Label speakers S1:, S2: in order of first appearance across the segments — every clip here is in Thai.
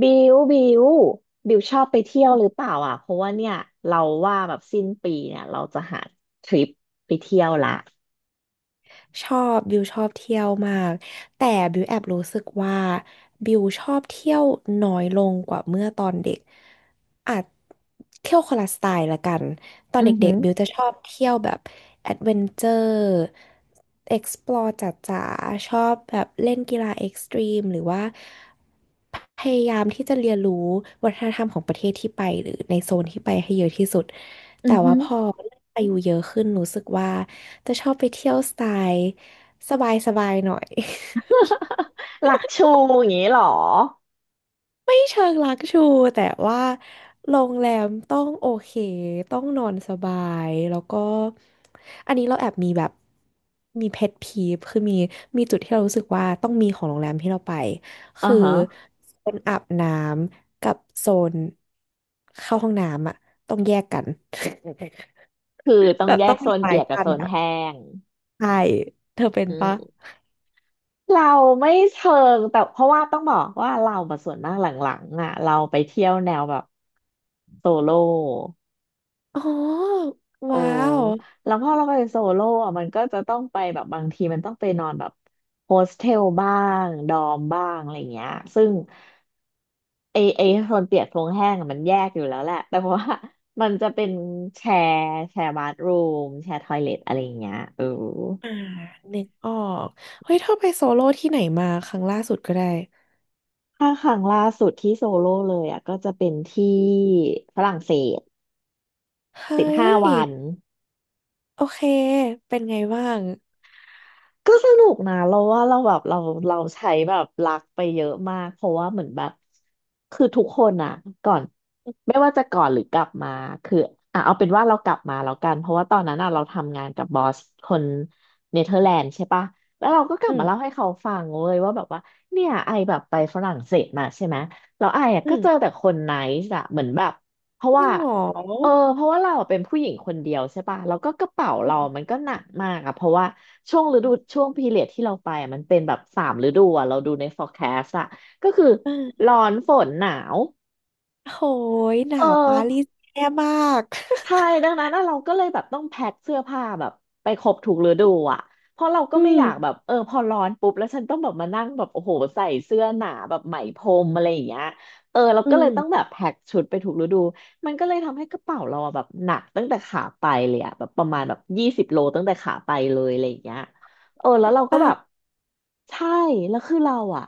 S1: บิวบิวบิวชอบไปเที่ยวหรือเปล่าอ่ะเพราะว่าเนี่ยเราว่าแบบสิ้นปีเนี่ยเราจะหาทริปไปเที่ยวละ
S2: ชอบบิวชอบเที่ยวมากแต่บิวแอบรู้สึกว่าบิวชอบเที่ยวน้อยลงกว่าเมื่อตอนเด็ก อาจเที่ยวคนละสไตล์ละกันตอน
S1: อือ
S2: เด็
S1: หื
S2: ก
S1: อ
S2: ๆบิวจะชอบเที่ยวแบบแอดเวนเจอร์ explore จ๋าๆชอบแบบเล่นกีฬาเอ็กซ์ตรีมหรือว่าพยายามที่จะเรียนรู้วัฒนธรรมของประเทศที่ไปหรือในโซนที่ไปให้เยอะที่สุด
S1: อื
S2: แต่
S1: อหื
S2: ว่า
S1: อ
S2: พออายุเยอะขึ้นรู้สึกว่าจะชอบไปเที่ยวสไตล์สบายๆหน่อย
S1: หลักชูอย่างนี้เหรอ
S2: ไม่เชิงลักชูแต่ว่าโรงแรมต้องโอเคต้องนอนสบายแล้วก็อันนี้เราแอบมีแบบมีเพทพีฟคือมีจุดที่เรารู้สึกว่าต้องมีของโรงแรมที่เราไป
S1: อ่า
S2: คือ
S1: ฮะ
S2: โซนอาบน้ำกับโซนเข้าห้องน้ำอะต้องแยกกัน
S1: คือ ต้อ
S2: แบ
S1: ง
S2: บ
S1: แย
S2: ต้อ
S1: ก
S2: ง
S1: โซ
S2: มี
S1: น
S2: ไม้
S1: เปียกกับ
S2: กั้
S1: โซ
S2: น
S1: น
S2: อะ
S1: แห้ง
S2: ใช่เธอเป็น
S1: อื
S2: ปะ
S1: มเราไม่เชิงแต่เพราะว่าต้องบอกว่าเรามาส่วนมากหลังๆอ่ะเราไปเที่ยวแนวแบบโซโล่
S2: อ๋อ
S1: โอ้
S2: ว้าว
S1: แล้วพอเราไปโซโล่อะมันก็จะต้องไปแบบบางทีมันต้องไปนอนแบบโฮสเทลบ้างดอมบ้างอะไรเงี้ยซึ่งไอโซนเปียกโซนแห้งอะมันแยกอยู่แล้วแหละ แต่ว่ามันจะเป็นแชร์แชร์บัธรูมแชร์ทอยเลทอะไรเงี้ยเออ
S2: อ่านึกออกเฮ้ยเธอไปโซโล่ที่ไหนมาครั้งล่าสุดก็ได้
S1: ถ้าครั้งล่าสุดที่โซโล่เลยอ่ะก็จะเป็นที่ฝรั่งเศสสิบ
S2: เฮ้ย
S1: ห้าวัน
S2: โอเคเป็นไงบ้าง
S1: ก็สนุกนะเราว่าเราแบบเราใช้แบบรักไปเยอะมากเพราะว่าเหมือนแบบคือทุกคนอ่ะก่อนไม่ว่าจะก่อนหรือกลับมาคืออ่ะเอาเป็นว่าเรากลับมาแล้วกันเพราะว่าตอนนั้นอ่ะเราทำงานกับบอสคนเนเธอร์แลนด์ใช่ปะแล้วเราก็กลั
S2: อื
S1: บ
S2: ม
S1: มาเล่าให้เขาฟังเว้ยว่าแบบว่าเนี่ยไอแบบไปฝรั่งเศสมาใช่ไหมแล้วไออ่ะ
S2: อื
S1: ก็
S2: ม
S1: เจอแต่คนไนซ์อะเหมือนแบบเพราะว่า
S2: ยังเหงอ
S1: เออเพราะว่าเราเป็นผู้หญิงคนเดียวใช่ป่ะแล้วก็กระเป๋าเรามันก็หนักมากอะเพราะว่าช่วงฤดูช่วงพีเรียดที่เราไปอะมันเป็นแบบสามฤดูอะเราดูใน forecast อะก็คือ
S2: อ่า
S1: ร้อนฝนหนาว
S2: โหยห
S1: เ
S2: นาวปารี
S1: ออ
S2: สแย่มาก
S1: ใช่ดังนั้นน่ะเราก็เลยแบบต้องแพ็คเสื้อผ้าแบบไปครบถูกฤดูอ่ะเพราะเราก็
S2: อื
S1: ไม่
S2: ม
S1: อยากแบบเออพอร้อนปุ๊บแล้วฉันต้องแบบมานั่งแบบโอ้โหใส่เสื้อหนาแบบไหมพรมอะไรอย่างเงี้ยเออเรา
S2: อื
S1: ก็เล
S2: ม
S1: ยต้องแบบแพ็คชุดไปถูกฤดูมันก็เลยทำให้กระเป๋าเราอะแบบหนักตั้งแต่ขาไปเลยอะแบบประมาณแบบยี่สิบโลตั้งแต่ขาไปเลยอะไรอย่างเงี้ยเออแล้วเราก็
S2: อ่ะ
S1: แบบใช่แล้วคือเราอะ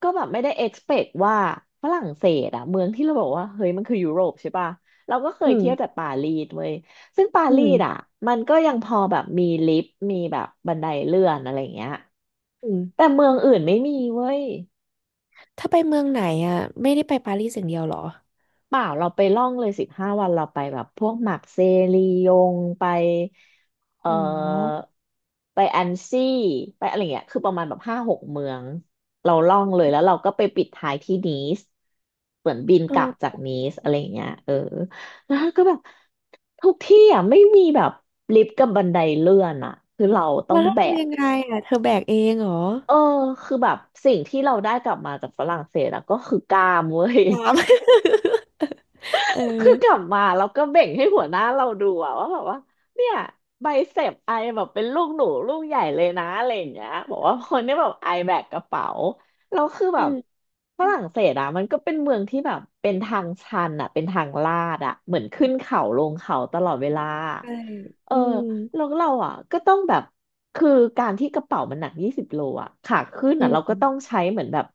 S1: ก็แบบไม่ได้ expect ว่าฝรั่งเศสอะเมืองที่เราบอกว่าเฮ้ยมันคือยุโรปใช่ปะ เราก็เค
S2: อื
S1: ย
S2: ม
S1: เที่ยวแต่ปารีสเว้ยซึ่งปา
S2: อื
S1: รี
S2: ม
S1: สอ่ะมันก็ยังพอแบบมีลิฟต์มีแบบบันไดเลื่อนอะไรอย่างเงี้ย
S2: อืม
S1: แต่เมืองอื่นไม่มีเว้ย
S2: ถ้าไปเมืองไหนอ่ะไม่ได้ไปปารีสอย่างเดียวเหรอ
S1: เปล่าเราไปล่องเลยสิบห้าวันเราไปแบบพวกหมักเซรียงไปเอ่อ
S2: โห
S1: ไปอันซี่ไปอะไรเงี้ยคือประมาณแบบ5-6 เมืองเราล่องเลยแล้วเราก็ไปปิดท้ายที่นีสเหมือนบิน
S2: เอ
S1: กลับจา
S2: อ
S1: กนีสอะไรเงี้ยเออแล้วก็แบบทุกที่อ่ะไม่มีแบบลิฟต์กับบันไดเลื่อนอ่ะคือเราต้อ
S2: แล้
S1: ง
S2: วเธอ
S1: แบก
S2: ทำยังไงอ่ะเธอแบกเองเหรอ
S1: เออคือแบบสิ่งที่เราได้กลับมาจากฝรั่งเศสอะก็คือกล้ามเว้ย
S2: ตาม เออ
S1: คือกลับมาแล้วก็เบ่งให้หัวหน้าเราดูอะว่าแบบว่าเนี่ยไบเซปไอแบบเป็นลูกหนูลูกใหญ่เลยนะอะไรอย่างเงี้ยบอกว่าคนนี้แบบไอแบกกระเป๋าแล้วคือแบ
S2: อื
S1: บ
S2: ม
S1: ฝรั่งเศสอะมันก็เป็นเมืองที่แบบเป็นทางชันอะเป็นทางลาดอะเหมือนขึ้นเขาลงเขาตลอดเวลา
S2: ใช่
S1: เออ
S2: อืม
S1: แล้วเราอะก็ต้องแบบคือการที่กระเป๋ามันหนักยี่สิบโลอะขาขึ้น
S2: อื
S1: อะเราก็ต้อง
S2: ม
S1: ใช้เหมือนแบบ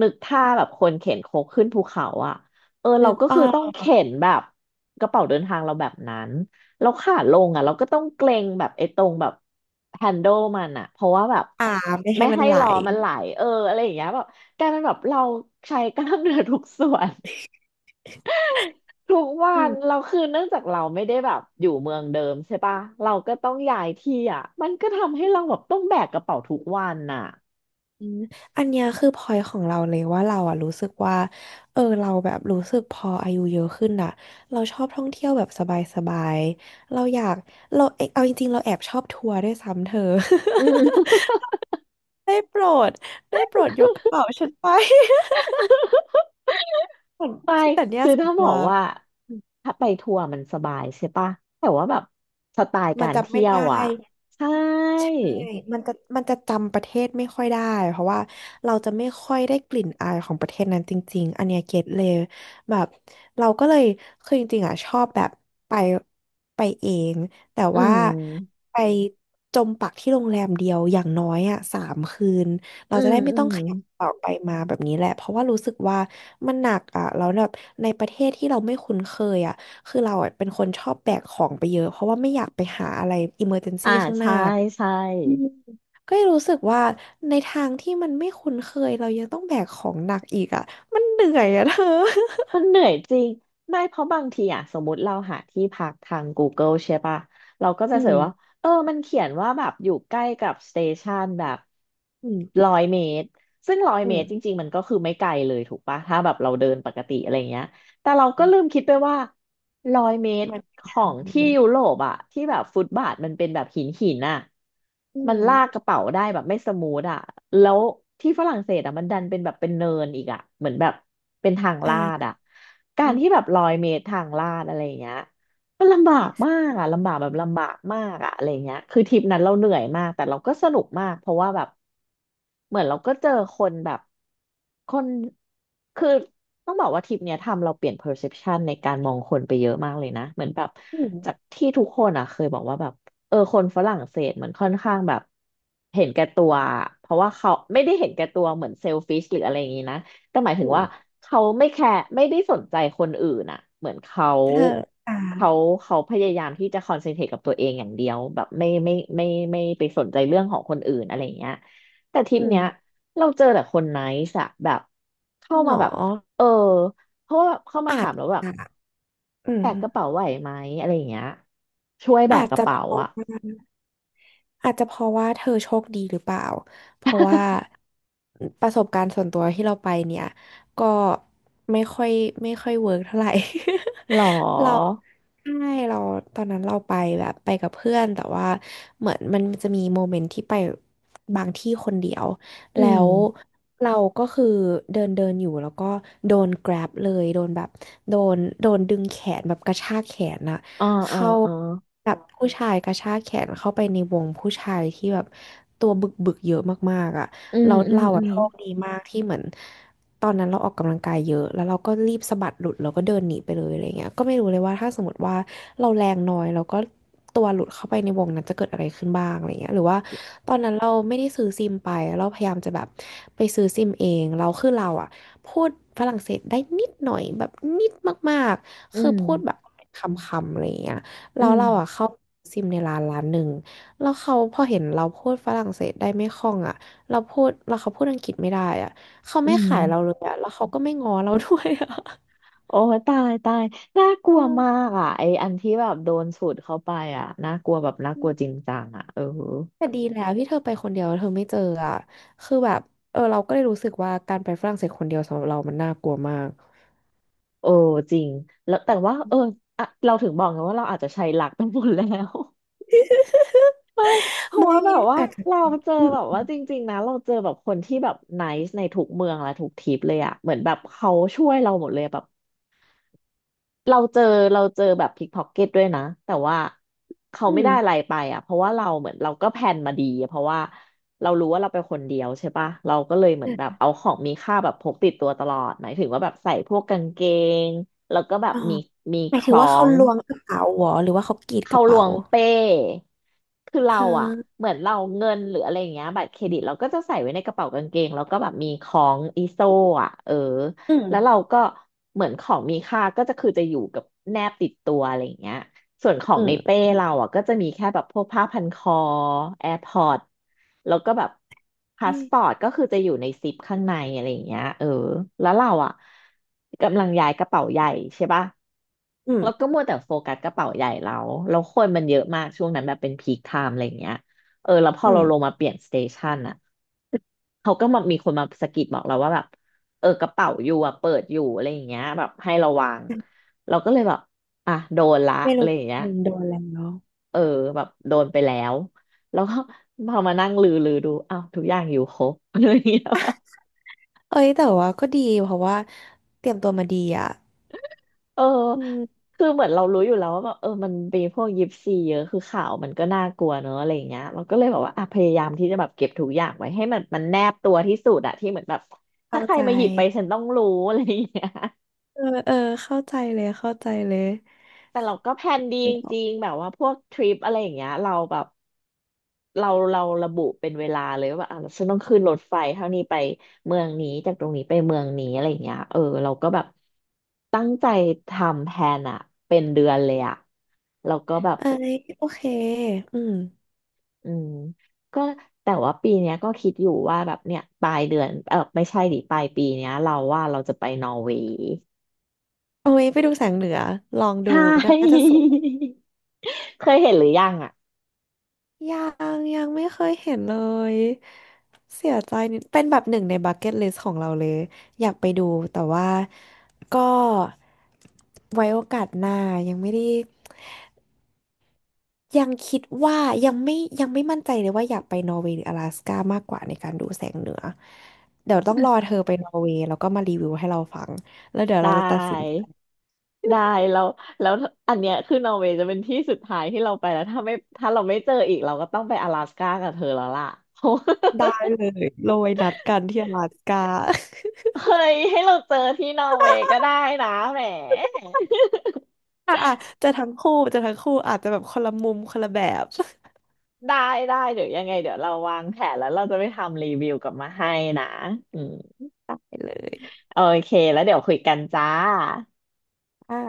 S1: นึกท่าแบบคนเข็นโคกขึ้นภูเขาอะ เออเรา
S2: นึก
S1: ก็
S2: ออ
S1: คือต้อง
S2: ก
S1: เข็นแบบกระเป๋าเดินทางเราแบบนั้นเราขาลงอ่ะเราก็ต้องเกรงแบบไอ้ตรงแบบแฮนด์ลมันอ่ะเพราะว่าแบบ
S2: อ่าไม่
S1: ไม่
S2: ให้มัน
S1: ให้
S2: ไหล
S1: ล้อมันไหลเอออะไรอย่างเงี้ยแบบกลายเป็นแบบเราใช้กล้ามเนื้อทุกส่วน ทุกวั
S2: อื
S1: น
S2: ม
S1: เราคือเนื่องจากเราไม่ได้แบบอยู่เมืองเดิมใช่ปะเราก็ต้องย้ายที่อ่ะมันก็ทำให้เราแบบต้องแบกกระเป๋าทุกวันน่ะ
S2: อืมอันเนี้ยคือพอยของเราเลยว่าเราอะรู้สึกว่าเออเราแบบรู้สึกพออายุเยอะขึ้นอะเราชอบท่องเที่ยวแบบสบายๆเราอยากเราเอ๊ะเอาจริงๆเราแอบชอบทัวร์ด้วยซ้ำเธอ
S1: อืม
S2: ได้โปรดได้โปรดยกกระเป๋าฉันไป
S1: ไม่
S2: แต่เนี่ย
S1: คือ
S2: ส่ว
S1: ถ้า
S2: น
S1: บ
S2: ตั
S1: อ
S2: ว
S1: กว่าถ้าไปทัวร์มันสบายใช่ปะแต่ว่าแบบสไตล์
S2: มั
S1: กา
S2: น
S1: ร
S2: จำไม่
S1: เที่ยว
S2: ได้
S1: อ่ะใช่
S2: ใช่มันจะจำประเทศไม่ค่อยได้ เพราะว่าเราจะไม่ค่อยได้กลิ่นอายของประเทศนั้นจริงๆอันเนี้ยเก็ตเลยแบบเราก็เลยคือจริงๆอ่ะชอบแบบไปไปเอง แต่
S1: อื
S2: ว่า
S1: ม
S2: ไปจมปักที่โรงแรมเดียวอย่างน้อยอ่ะสามคืน เรา
S1: อื
S2: จะ
S1: ม
S2: ได้ไม่
S1: อื
S2: ต้อง
S1: ม
S2: ขยับออกไปมาแบบนี้แหละเพราะว่ารู้สึกว่ามันหนักอ่ะแล้วแบบในประเทศที่เราไม่คุ้นเคยอ่ะคือเราอะเป็นคนชอบแบกของไปเยอะเพราะว่าไม่อยากไปหาอะไรอิมเมอร์เจน
S1: อ่า
S2: ซี่ข้างหน้า
S1: ใช่ใช่
S2: อืมก็รู้สึกว่าในทางที่มันไม่คุ้นเคยเรายังต้องแบกของหนักอีกอ่ะมันเหนื่อยอ่ะเธอ
S1: มันเหนื่อยจริงไม่เพราะบางทีอ่ะสมมติเราหาที่พักทาง Google ใช่ปะเราก็จะ
S2: อื
S1: เสิ
S2: ม
S1: ร์ชว่าเออมันเขียนว่าแบบอยู่ใกล้กับสเตชันแบบ
S2: อืม
S1: ร้อยเมตรซึ่งร้อย
S2: อื
S1: เม
S2: ม
S1: ตรจริงๆมันก็คือไม่ไกลเลยถูกปะถ้าแบบเราเดินปกติอะไรเงี้ย แต่เราก็
S2: อืม
S1: ลืมคิดไปว่าร้อยเมตร
S2: มันเป็น
S1: ข
S2: อยาง
S1: องที่
S2: นั้
S1: ยุ
S2: น
S1: โรปอะที่แบบฟุตบาทมันเป็นแบบหินอะ
S2: อื
S1: มันลากก
S2: ม
S1: ระเป๋าได้แบบไม่สมูทอะแล้วที่ฝรั่งเศสอะมันดันเป็นแบบเป็นเนินอีกอะเหมือนแบบเป็นทางลาด
S2: อ่า
S1: อะกา
S2: อื
S1: รที่แบ
S2: ม
S1: บร้อยเมตรทางลาดอะไรอย่างเงี้ย มันลำบากมากอ่ะลำบากแบบลำบากมากอ่ะอะไรเงี้ยคือทริปนั้นเราเหนื่อยมากแต่เราก็สนุกมากเพราะว่าแบบเหมือนเราก็เจอคนแบบคนคือต้องบอกว่าทริปเนี้ยทำเราเปลี่ยน perception ในการมองคนไปเยอะมากเลยนะเหมือนแบบจากที่ทุกคนอ่ะเคยบอกว่าแบบเออคนฝรั่งเศสมันค่อนข้างแบบเห็นแก่ตัวเพราะว่าเขาไม่ได้เห็นแก่ตัวเหมือนเซลฟิชหรืออะไรอย่างงี้นะ แต่หมายถึง
S2: อืม
S1: ว่าเขาไม่แคร์ไม่ได้สนใจคนอื่นอะเหมือน
S2: เธออ่า
S1: เขาเขาพยายามที่จะคอนเซนเทรตกับตัวเองอย่างเดียวแบบไม่ไม่ไม่ไปสนใจเรื่องของคนอื่นอะไรอย่างเงี้ยแต่ทริป
S2: อื
S1: เนี้ย
S2: ม
S1: เราเจอแต่คนไนซ์อะแบบเข้า
S2: หง
S1: มาแบบเอ
S2: อ
S1: อเพราะว่าแบบเข้ามา
S2: อา
S1: ถา
S2: จ
S1: มแล้วแบบ
S2: อ่ะอืม
S1: แบกกระเป๋าไหวไหมอะไรอย่างเงี้ยช่วยแบ
S2: อา
S1: ก
S2: จ
S1: กระ
S2: จะพ
S1: เป๋า
S2: อ
S1: อะ
S2: ได้ อาจจะเพราะว่าเธอโชคดีหรือเปล่า เพราะว่าประสบการณ์ส่วนตัวที่เราไปเนี่ยก็ไม่ค่อยไม่ค่อยเวิร์กเท่าไหร่
S1: หรอ
S2: เราใช่เราตอนนั้นเราไปแบบไปกับเพื่อนแต่ว่าเหมือนมันจะมีโมเมนต์ที่ไปบางที่คนเดียว
S1: อื
S2: แล้
S1: ม
S2: วเราก็คือเดินเดินอยู่แล้วก็โดน grab เลยโดนแบบโดนดึงแขนแบบกระชากแขนอะ
S1: อ่าอ่า
S2: เขา
S1: อ่า
S2: แบบผู้ชายกระชากแขนเข้าไปในวงผู้ชายที่แบบตัวบึกบึกเยอะมากๆอ่ะ
S1: อืม
S2: เรา
S1: อืม
S2: เรา
S1: อื
S2: อ่ะ
S1: ม
S2: โชคดีมากที่เหมือนตอนนั้นเราออกกำลังกายเยอะแล้วเราก็รีบสะบัดหลุดแล้วก็เดินหนีไปเลยอะไรเงี้ยก็ไม่รู้เลยว่าถ้าสมมติว่าเราแรงน้อยแล้วก็ตัวหลุดเข้าไปในวงนั้นจะเกิดอะไรขึ้นบ้างอะไรเงี้ยหรือว่าตอนนั้นเราไม่ได้ซื้อซิมไปเราพยายามจะแบบไปซื้อซิมเองเราอ่ะ พูดฝรั่งเศสได้นิดหน่อยแบบนิดมากๆ
S1: อื
S2: คือ
S1: ม
S2: พูดแบบคำๆอะไรอย่างเงี้ยแล้
S1: อื
S2: ว
S1: ม
S2: เราอ่ะเข้าซิมในร้านหนึ่งแล้วเขาพอเห็นเราพูดฝรั่งเศสได้ไม่คล่องอ่ะเราพูดแล้วเขาพูดอังกฤษไม่ได้อ่ะเขา
S1: อื
S2: ไม่ขา
S1: ม
S2: ยเราเลยอ่ะแล้วเขาก็ไม่ง้อเราด้วยอ่ะ
S1: โอ้ยตายตายน่ากลั
S2: อื
S1: วมา
S2: ม
S1: กอ่ะไออันที่แบบโดนสูดเข้าไปอ่ะน่ากลัวแบบน่ากลัวจริงจังอ่ะเออ
S2: แต่ดีแล้วที่เธอไปคนเดียวเธอไม่เจออ่ะคือแบบเออเราก็เลยรู้สึกว่าการไปฝรั่งเศสคนเดียวสำหรับเรามันน่ากลัวมาก
S1: โอ้จริงแล้วแต่ว่าเอออะเราถึงบอกไงว่าเราอาจจะใช้หลักไปหมดแล้ว เพราะ
S2: ไม่
S1: ว่าแบบว่า
S2: อาจจะ
S1: เราเจอ
S2: อื
S1: แบบว่า
S2: ม
S1: จริงๆนะเราเจอแบบคนที่แบบไนซ์ในทุกเมืองและทุกทริปเลยอะเหมือนแบบเขาช่วยเราหมดเลยแบบ เราเจอเราเจอแบบพิกพ็อกเก็ตด้วยนะแต่ว่าเขา
S2: อื
S1: ไม่
S2: ม
S1: ได้อะไรไปอ่ะเพราะว่าเราเหมือนเราก็แพลนมาดีอะเพราะว่าเรารู้ว่าเราเป็นคนเดียวใช่ปะเราก็เลยเหมือนแบบเอาของมีค่าแบบพกติดตัวตลอดหมายถึงว่าแบบใส่พวกกางเกงแล้วก็แบบ
S2: อ๋อ
S1: มี
S2: หมา
S1: ค
S2: ยถึง
S1: ล้อ
S2: ว่าเขา
S1: ง
S2: ล้วงกระเป๋าเหรอหรือว่าเขากรีดก
S1: เขา
S2: ระ
S1: ล
S2: เป๋า
S1: วงเป้คือ
S2: เอ
S1: เราอะ
S2: อ
S1: เหมือนเราเงินหรืออะไรอย่างเงี้ยบัตรเครดิตเราก็จะใส่ไว้ในกระเป๋ากางเกงแล้วก็แบบมีของอีโซอะเออ
S2: อืม
S1: แล้วเราก็เหมือนของมีค่าก็จะคือจะอยู่กับแนบติดตัวอะไรอย่างเงี้ยส่วนขอ
S2: อื
S1: งในเป้
S2: ม
S1: เราอ่ะก็จะมีแค่แบบพวกผ้าพันคอ AirPods แล้วก็แบบพาสปอ
S2: อื
S1: ร์ตก็คือจะอยู่ในซิปข้างในอะไรอย่างเงี้ยเออแล้วเราอ่ะกำลังย้ายกระเป๋าใหญ่ใช่ปะ แล้วก็
S2: ม
S1: มัวแต่โฟกัสกระเป๋าใหญ่เราแล้วคนมันเยอะมากช่วงนั้นแบบเป็นพีคไทม์อะไรอย่างเงี้ยเออแล้วพอ
S2: อื
S1: เราลงมาเปลี่ยนสเตชันอะเขาก็มามีคนมาสะกิดบอกเราว่าแบบเออกระเป๋าอยู่อะเปิดอยู่อะไรอย่างเงี้ยแบบให้ระวัง
S2: ม
S1: เราก็เลยแบบอ่ะโดนละ
S2: ไม่
S1: อะ
S2: รู้
S1: ไรอย่างเงี้ย
S2: โดนแล้วเนาะ
S1: เออแบบโดนไปแล้ว แล้วก็พอมานั่งลือดูอ้าวทุกอย่างอยู่ครบอะไรอย่างเงี้ย
S2: เอ้ยแต่ว่าก็ดีเพราะว่าเตรียมตัวมาดีอ่ะ
S1: เออ
S2: อืม
S1: คือเหมือนเรารู้อยู่แล้วว่าแบบเออมันมีพวกยิปซีเยอะคือข่าวมันก็น่ากลัวเนอะอะไรอย่างเงี้ยเราก็เลยแบบว่าอ่ะพยายามที่จะแบบเก็บทุกอย่างไว้ให้มันแนบตัวที่สุดอะที่เหมือนแบบถ้า
S2: เข้า
S1: ใคร
S2: ใจ
S1: มาหยิบไปฉันต้องรู้อะไรอย่างเงี้ย
S2: เออเออเข้าใจเลยเข้าใจเลย
S1: แต่เราก็แพลนดีจริงๆแบบว่าพวกทริปอะไรอย่างเงี้ยเราแบบเราระบุเป็นเวลาเลยว่าแบบอ่ะฉันต้องขึ้นรถไฟเท่านี้ไปเมืองนี้จากตรงนี้ไปเมืองนี้อะไรอย่างเงี้ยเออเราก็แบบตั้งใจทำแพลนอะเป็นเดือนเลยอะแล้วก็แบบ
S2: เอ้ยโอเคอืม
S1: อืมก็แต่ว่าปีเนี้ยก็คิดอยู่ว่าแบบเนี่ยปลายเดือนเออไม่ใช่ดิปลายปีเนี้ยเราว่าเราจะไปนอร์เวย์
S2: โอ้ยไปดูแสงเหนือลอง
S1: ใช
S2: ดูน่าจะ
S1: ่
S2: สวย
S1: เคยเห็นหรือยังอ่ะ
S2: ยังยังไม่เคยเห็นเลยเสียใจนิดเป็นแบบหนึ่งในบักเก็ตลิสต์ของเราเลยอยากไปดูแต่ว่าก็ไว้โอกาสหน้ายังไม่ได้ยังคิดว่ายังไม่ยังไม่มั่นใจเลยว่าอยากไปนอร์เวย์หรือ阿拉สก้ามากกว่าในการดูแสงเหนือเดี๋ยวต้องรอเธอไปนอร์เวย์แล้วก็มารีวิวให้เราฟังแล้วเดี๋ยว
S1: ได
S2: เราจะตัดสิน
S1: ้
S2: ใจ
S1: ได้แล้วแล้วอันเนี้ยคือนอร์เวย์จะเป็นที่สุดท้ายที่เราไปแล้วถ้าไม่ถ้าเราไม่เจออีกเราก็ต้องไป阿拉斯ก้ากับเธอแล้วล่ะ
S2: ได้ เลยเราไว้นัดกันที่阿拉斯ก้า
S1: เฮ้ยให้เราเจอที่นอร์เวย์ก็ได้นะแหม
S2: อ่ะอ่ะจะทั้งคู่อาจจะแบบคนละมุมคนละแบบ
S1: ได้ได้เดี๋ยวยังไงเดี๋ยวเราวางแผนแล้วเราจะไปทำรีวิวกลับมาให้นะอืม
S2: ได้เลย
S1: โอเคแล้วเดี๋ยวคุยกันจ้า
S2: ค่ะ